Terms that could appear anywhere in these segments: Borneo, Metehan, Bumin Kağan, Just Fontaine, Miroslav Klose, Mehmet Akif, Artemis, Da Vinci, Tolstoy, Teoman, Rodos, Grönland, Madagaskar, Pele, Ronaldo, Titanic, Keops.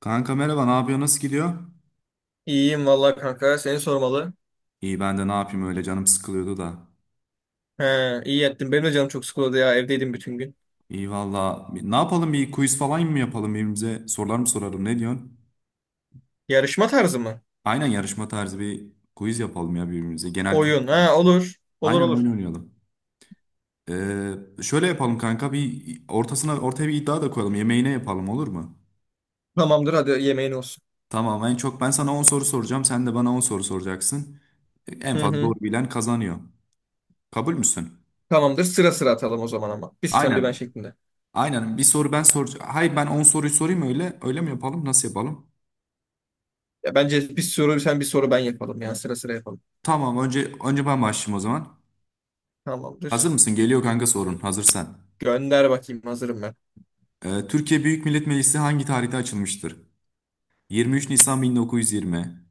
Kanka merhaba, ne yapıyor? Nasıl gidiyor? İyiyim vallahi kanka. Seni sormalı. İyi ben de ne yapayım öyle canım sıkılıyordu da. He, iyi ettin. Benim de canım çok sıkıldı ya. Evdeydim bütün gün. İyi valla. Ne yapalım bir quiz falan mı yapalım birbirimize? Sorular mı soralım ne diyorsun? Yarışma tarzı mı? Aynen yarışma tarzı bir quiz yapalım ya birbirimize. Genel Oyun. kültür. Ha, olur. Olur Aynen olur. oyun oynayalım. Şöyle yapalım kanka bir ortasına ortaya bir iddia da koyalım. Yemeğine yapalım olur mu? Tamamdır, hadi yemeğin olsun. Tamam en çok ben sana 10 soru soracağım. Sen de bana 10 soru soracaksın. En Hı fazla hı. doğru bilen kazanıyor. Kabul müsün? Tamamdır. Sıra sıra atalım o zaman ama. Bir sen bir ben Aynen. şeklinde. Aynen bir soru ben soracağım. Hayır ben 10 soruyu sorayım öyle. Öyle mi yapalım? Nasıl yapalım? Ya bence bir soru sen bir soru ben yapalım ya. Sıra sıra yapalım. Tamam önce ben başlayayım o zaman. Hazır Tamamdır. mısın? Geliyor kanka sorun. Hazırsan. Gönder bakayım. Hazırım ben. Türkiye Büyük Millet Meclisi hangi tarihte açılmıştır? 23 Nisan 1920,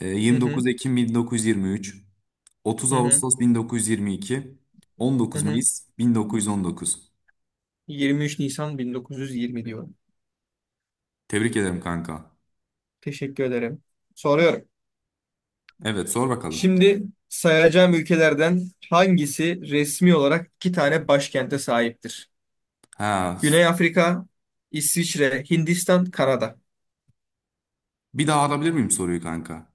Hı hı. 29 Ekim 1923, 30 Hı hı. Ağustos 1922, Hı 19 hı. Mayıs 1919. 23 Nisan 1920 diyorum. Tebrik ederim kanka. Teşekkür ederim. Soruyorum. Evet sor bakalım. Şimdi sayacağım ülkelerden hangisi resmi olarak iki tane başkente sahiptir? Ha, Güney Afrika, İsviçre, Hindistan, Kanada. bir daha alabilir miyim soruyu kanka?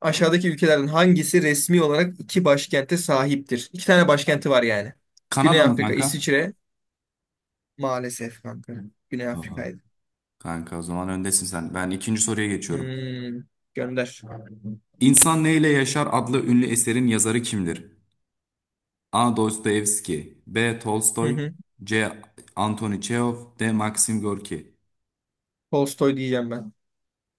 Aşağıdaki ülkelerden hangisi resmi olarak iki başkente sahiptir? İki tane başkenti var yani. Güney Kanada mı Afrika, kanka? İsviçre. Maalesef kanka. Güney Aa. Afrika'ydı. Kanka o zaman öndesin sen. Ben ikinci soruya geçiyorum. Hmm, gönder. İnsan Neyle Yaşar adlı ünlü eserin yazarı kimdir? A. Dostoyevski B. Hı Tolstoy hı. C. Anthony Çehov D. Maxim Gorki. Tolstoy diyeceğim ben.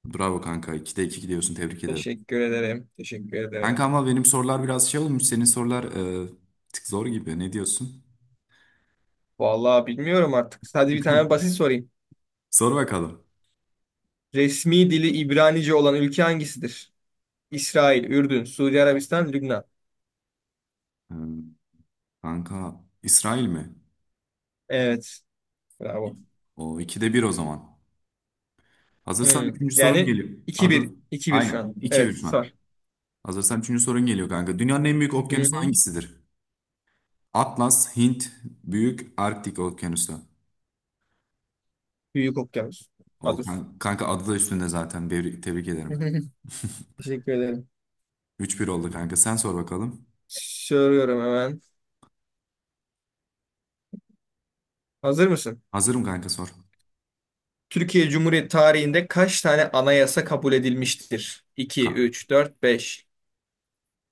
Bravo kanka. 2'de 2 gidiyorsun. Tebrik ederim. Teşekkür ederim. Teşekkür ederim. Kanka ama benim sorular biraz şey olmuş. Senin sorular bir tık zor gibi. Ne diyorsun? Vallahi bilmiyorum artık. Hadi bir tane basit sorayım. Sor bakalım. Resmi dili İbranice olan ülke hangisidir? İsrail, Ürdün, Suudi Arabistan, Lübnan. E, kanka İsrail mi? Evet. Bravo. O 2'de bir o zaman. Hazırsan Hmm. üçüncü sorum Yani geliyor. iki Hazır. bir, iki bir şu Aynen. an. iki bir Evet. şu an. Sar. Hazırsan üçüncü sorun geliyor kanka. Dünyanın en büyük Hı okyanusu hı. hangisidir? Atlas, Hint, Büyük Arktik Okyanusu. Büyük okyanus. O Ados. Kanka adı da üstünde zaten. Bir, tebrik ederim. Teşekkür ederim. Üç bir oldu kanka. Sen sor bakalım. Soruyorum hemen. Hazır mısın? Hazırım kanka sor. Türkiye Cumhuriyeti tarihinde kaç tane anayasa kabul edilmiştir? Ka 2, 3, 4, 5.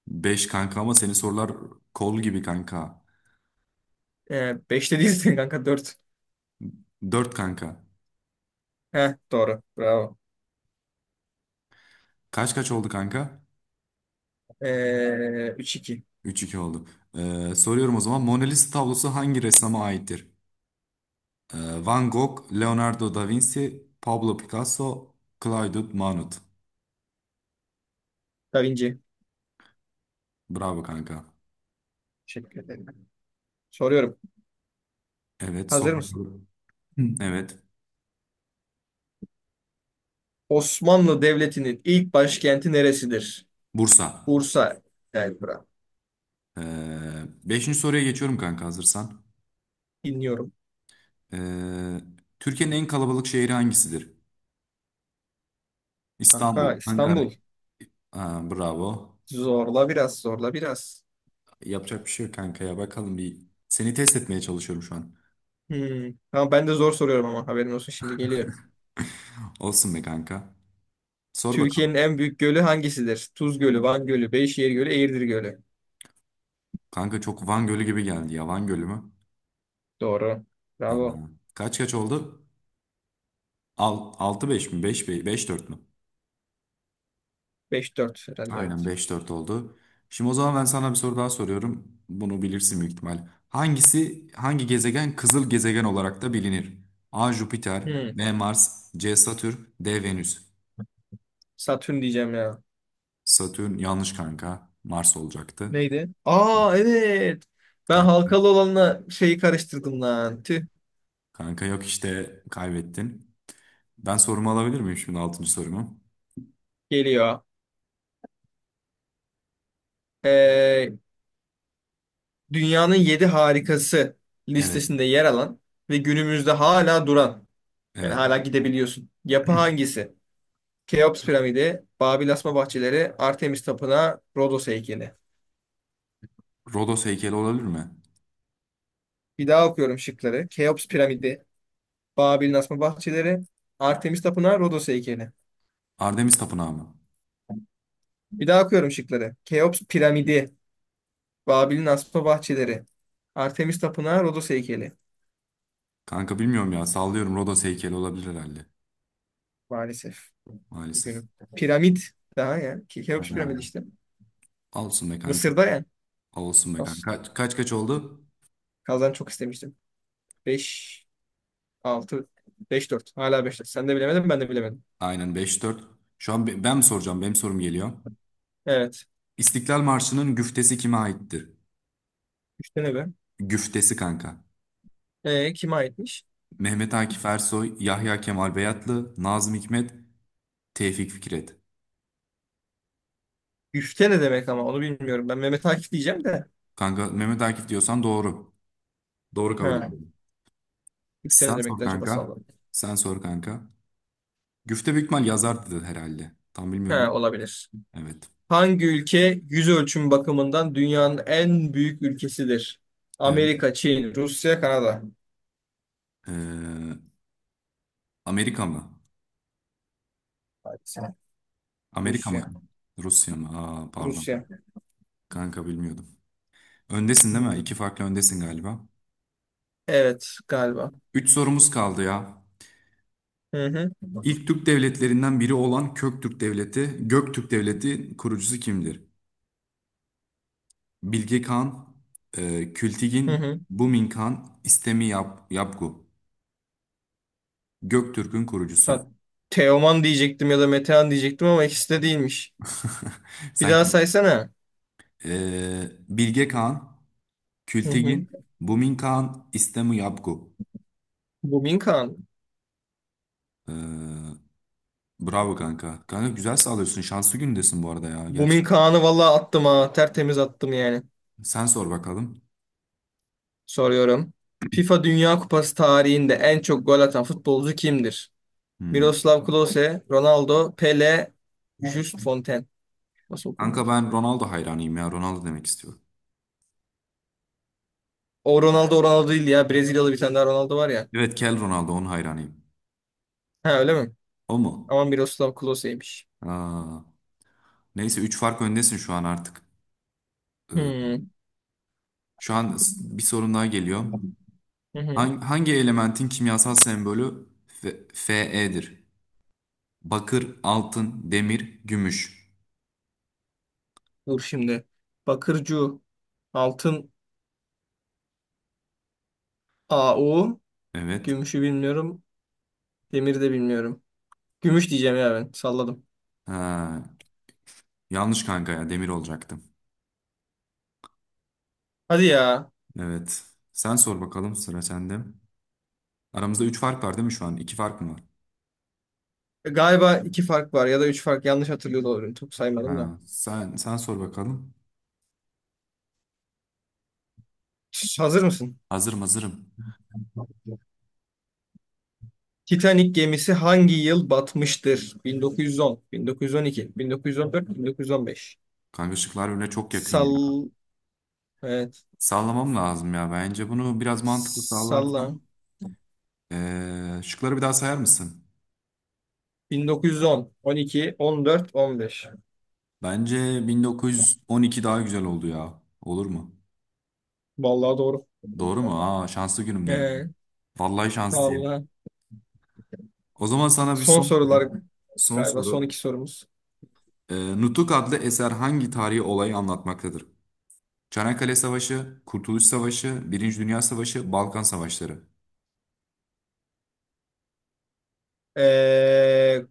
5 kanka ama senin sorular kol gibi kanka. 5 değilsin kanka 4. 4 kanka. Heh, doğru. Bravo. Kaç kaç oldu kanka? 3, 2. Üç iki oldu. Soruyorum o zaman. Mona Lisa tablosu hangi ressama aittir? Van Gogh, Leonardo da Vinci, Pablo Picasso, Claude Monet. Da Vinci. Bravo kanka. Teşekkür ederim. Soruyorum. Evet, sor Hazır mısın? bakalım. Hı, evet, Osmanlı Devleti'nin ilk başkenti neresidir? Bursa. Bursa, Elbra. Ee, beşinci soruya geçiyorum kanka hazırsan. Dinliyorum. Ee, Türkiye'nin en kalabalık şehri hangisidir? İstanbul, Kanka Ankara. İstanbul. Aa, bravo. Zorla biraz, zorla biraz. Yapacak bir şey yok kanka ya. Bakalım bir seni test etmeye çalışıyorum şu an. Hmm. Tamam, ben de zor soruyorum ama haberin olsun, şimdi geliyor. Olsun be kanka. Sor bakalım. Türkiye'nin en büyük gölü hangisidir? Tuz Gölü, Van Gölü, Beyşehir Gölü, Eğirdir Gölü. Kanka çok Van Gölü gibi geldi ya. Van Gölü mü? Doğru. Aa, Bravo. kaç kaç oldu? Altı beş mi? Beş dört mü? Beş dört herhalde, Aynen evet. beş dört oldu. Şimdi o zaman ben sana bir soru daha soruyorum. Bunu bilirsin büyük ihtimal. Hangi gezegen kızıl gezegen olarak da bilinir? A. Jüpiter, Hmm. B. Mars, C. Satürn, D. Venüs. Satürn diyeceğim ya. Satürn yanlış kanka. Mars olacaktı. Neydi? Aa, evet. Ben Kan- halkalı olanla şeyi karıştırdım lan. Tüh. Kanka, yok işte kaybettin. Ben sorumu alabilir miyim şimdi altıncı sorumu? Geliyor. Ee, dünyanın 7 harikası Evet. listesinde yer alan ve günümüzde hala duran, yani Evet. hala gidebiliyorsun. Yapı hangisi? Keops piramidi, Babil asma bahçeleri, Artemis tapınağı, Rodos heykeli. Rodos heykeli olabilir mi? Bir daha okuyorum şıkları. Keops piramidi, Babil'in asma bahçeleri, Artemis tapınağı, Rodos heykeli. Artemis Tapınağı mı? Bir daha okuyorum şıkları. Keops piramidi, Babil'in asma bahçeleri, Artemis tapınağı, Rodos heykeli. Kanka bilmiyorum ya sallıyorum Rodos heykeli olabilir herhalde. Maalesef. Maalesef. Üzgünüm. Piramit daha yani. Ha, Keops piramidi işte. olsun be kanka. Mısır'da yani. Olsun be Nasıl kanka. Kaç kaç, kaç oldu? Kazan çok istemiştim. 5 altı, 5 dört. Hala 5, 4. Sen de bilemedin, ben de bilemedim. Aynen beş dört. Şu an ben mi soracağım? Benim sorum geliyor. Evet. İstiklal Marşı'nın güftesi kime aittir? 3 tane be. Güftesi kanka. E, kime aitmiş? Mehmet Akif Ersoy, Yahya Kemal Beyatlı, Nazım Hikmet, Tevfik Fikret. 3 tane demek ama onu bilmiyorum. Ben Mehmet Akif diyeceğim de. Kanka Mehmet Akif diyorsan doğru. Doğru kabul Ha. ediyorum. 3 tane Sen demek sor de, acaba kanka. sallam. Sen sor kanka. Güfte büyük ihtimal yazardı herhalde. Tam bilmiyorum Ha, ama. olabilir. Evet. Hangi ülke yüz ölçümü bakımından dünyanın en büyük ülkesidir? Evet. Amerika, Çin, Rusya, Kanada. Ee, Amerika mı? Hadi sen. Amerika mı? Rusya. Rusya mı? Aa, pardon Rusya. kanka. Kanka bilmiyordum. Öndesin değil mi? İki Hmm. farklı öndesin galiba. Evet, galiba. Üç sorumuz kaldı ya. Hı hı. İlk Türk devletlerinden biri olan Köktürk Devleti, Göktürk Devleti kurucusu kimdir? Bilge Kağan, Hı Kültigin, hı. Bumin Kağan, İstemi Yapgu. Göktürk'ün kurucusu. Ha, Teoman diyecektim ya da Metehan diyecektim ama ikisi de değilmiş. Bir daha Sanki saysana. e, Bilge Kağan, Hı hı. Kültigin, Bumin Kağan, İstemi Yapgu. Bumin Kağan. E, bravo kanka. Kanka güzel sağlıyorsun. Şanslı gündesin bu arada ya. Gerçi Bumin Kağan'ı valla attım ha. Tertemiz attım yani. sen sor bakalım. Soruyorum. FIFA Dünya Kupası tarihinde en çok gol atan futbolcu kimdir? Hmm. Miroslav Klose, Ronaldo, Pele, Just Fontaine. Nasıl okunuyor? Kanka ben Ronaldo hayranıyım ya. Ronaldo demek istiyorum. O Ronaldo o Ronaldo değil ya. Brezilyalı bir tane daha Ronaldo var ya. Evet Kel Ronaldo onun hayranıyım. Ha, öyle mi? O mu? Ama Miroslav Klose'ymiş. Aa, neyse 3 fark öndesin şu an artık. Ee, Hmm. şu an bir sorun daha geliyor. Hı hı. Hangi elementin kimyasal sembolü Fe'dir? Bakır, altın, demir, gümüş. Dur şimdi. Bakırcu. Altın Au. Evet. Gümüşü bilmiyorum. Demiri de bilmiyorum. Gümüş diyeceğim ya ben. Salladım. Ha, yanlış kanka ya demir olacaktım. Hadi ya. Evet. Sen sor bakalım sıra sende. Aramızda 3 fark var değil mi şu an? 2 fark mı var? E, galiba iki fark var ya da üç fark. Yanlış hatırlıyor da olabilirim. Çok saymadım da. Ha, sen sor bakalım. Şş, hazır mısın? Hazırım hazırım. Titanic gemisi hangi yıl batmıştır? 1910, 1912, 1914, 1915. Kanka şıklar öyle çok yakın ya. Sal... Evet. Sallamam lazım ya. Bence bunu biraz mantıklı Salla. sallarsam. Şıkları bir daha sayar mısın? 1910, 12, 14, 15. Bence 1912 daha güzel oldu ya. Olur mu? Vallahi doğru. Doğru mu? Aa şanslı Ee, günümdeyim. Vallahi şanslıyım. vallahi. O zaman sana bir Son son soru. sorular Son galiba son soru. iki sorumuz. Nutuk adlı eser hangi tarihi olayı anlatmaktadır? Çanakkale Savaşı, Kurtuluş Savaşı, Birinci Dünya Savaşı, Balkan Savaşları. Ee,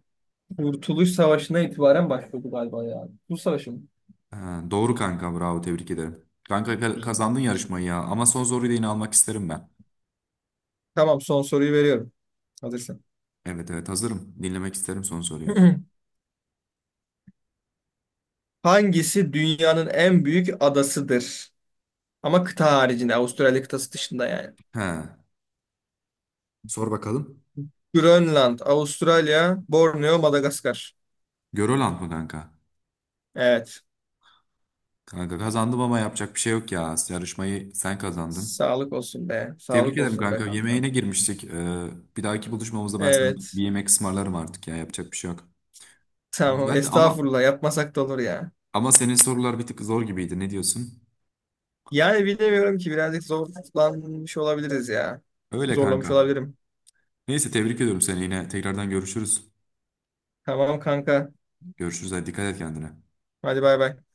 Kurtuluş Savaşı'na itibaren başladı galiba ya. Bu savaşı mı? Ha, doğru kanka bravo tebrik ederim. Kanka İyi, iyi, kazandın iyi. yarışmayı ya ama son soruyu da yine almak isterim ben. Tamam, son soruyu veriyorum. Hazırsın. Evet evet hazırım. Dinlemek isterim son soruyu. Hangisi dünyanın en büyük adasıdır? Ama kıta haricinde, Avustralya kıtası dışında yani. He. Sor bakalım. Grönland, Avustralya, Borneo, Madagaskar. Görolant mı kanka? Evet. Kanka kazandım ama yapacak bir şey yok ya. Yarışmayı sen kazandın. Sağlık olsun be. Tebrik Sağlık ederim olsun be kanka. kanka. Yemeğine girmiştik. Bir dahaki buluşmamızda ben sana bir Evet. yemek ısmarlarım artık ya. Yapacak bir şey yok. Tamam. Güzeldi ama Estağfurullah. Yapmasak da olur ya. Senin sorular bir tık zor gibiydi. Ne diyorsun? Yani bilemiyorum ki, birazcık zorlanmış olabiliriz ya. Öyle Zorlamış kanka. olabilirim. Neyse tebrik ediyorum seni yine. Tekrardan görüşürüz. Tamam kanka. Görüşürüz. Hadi dikkat et kendine. Hadi bay bay.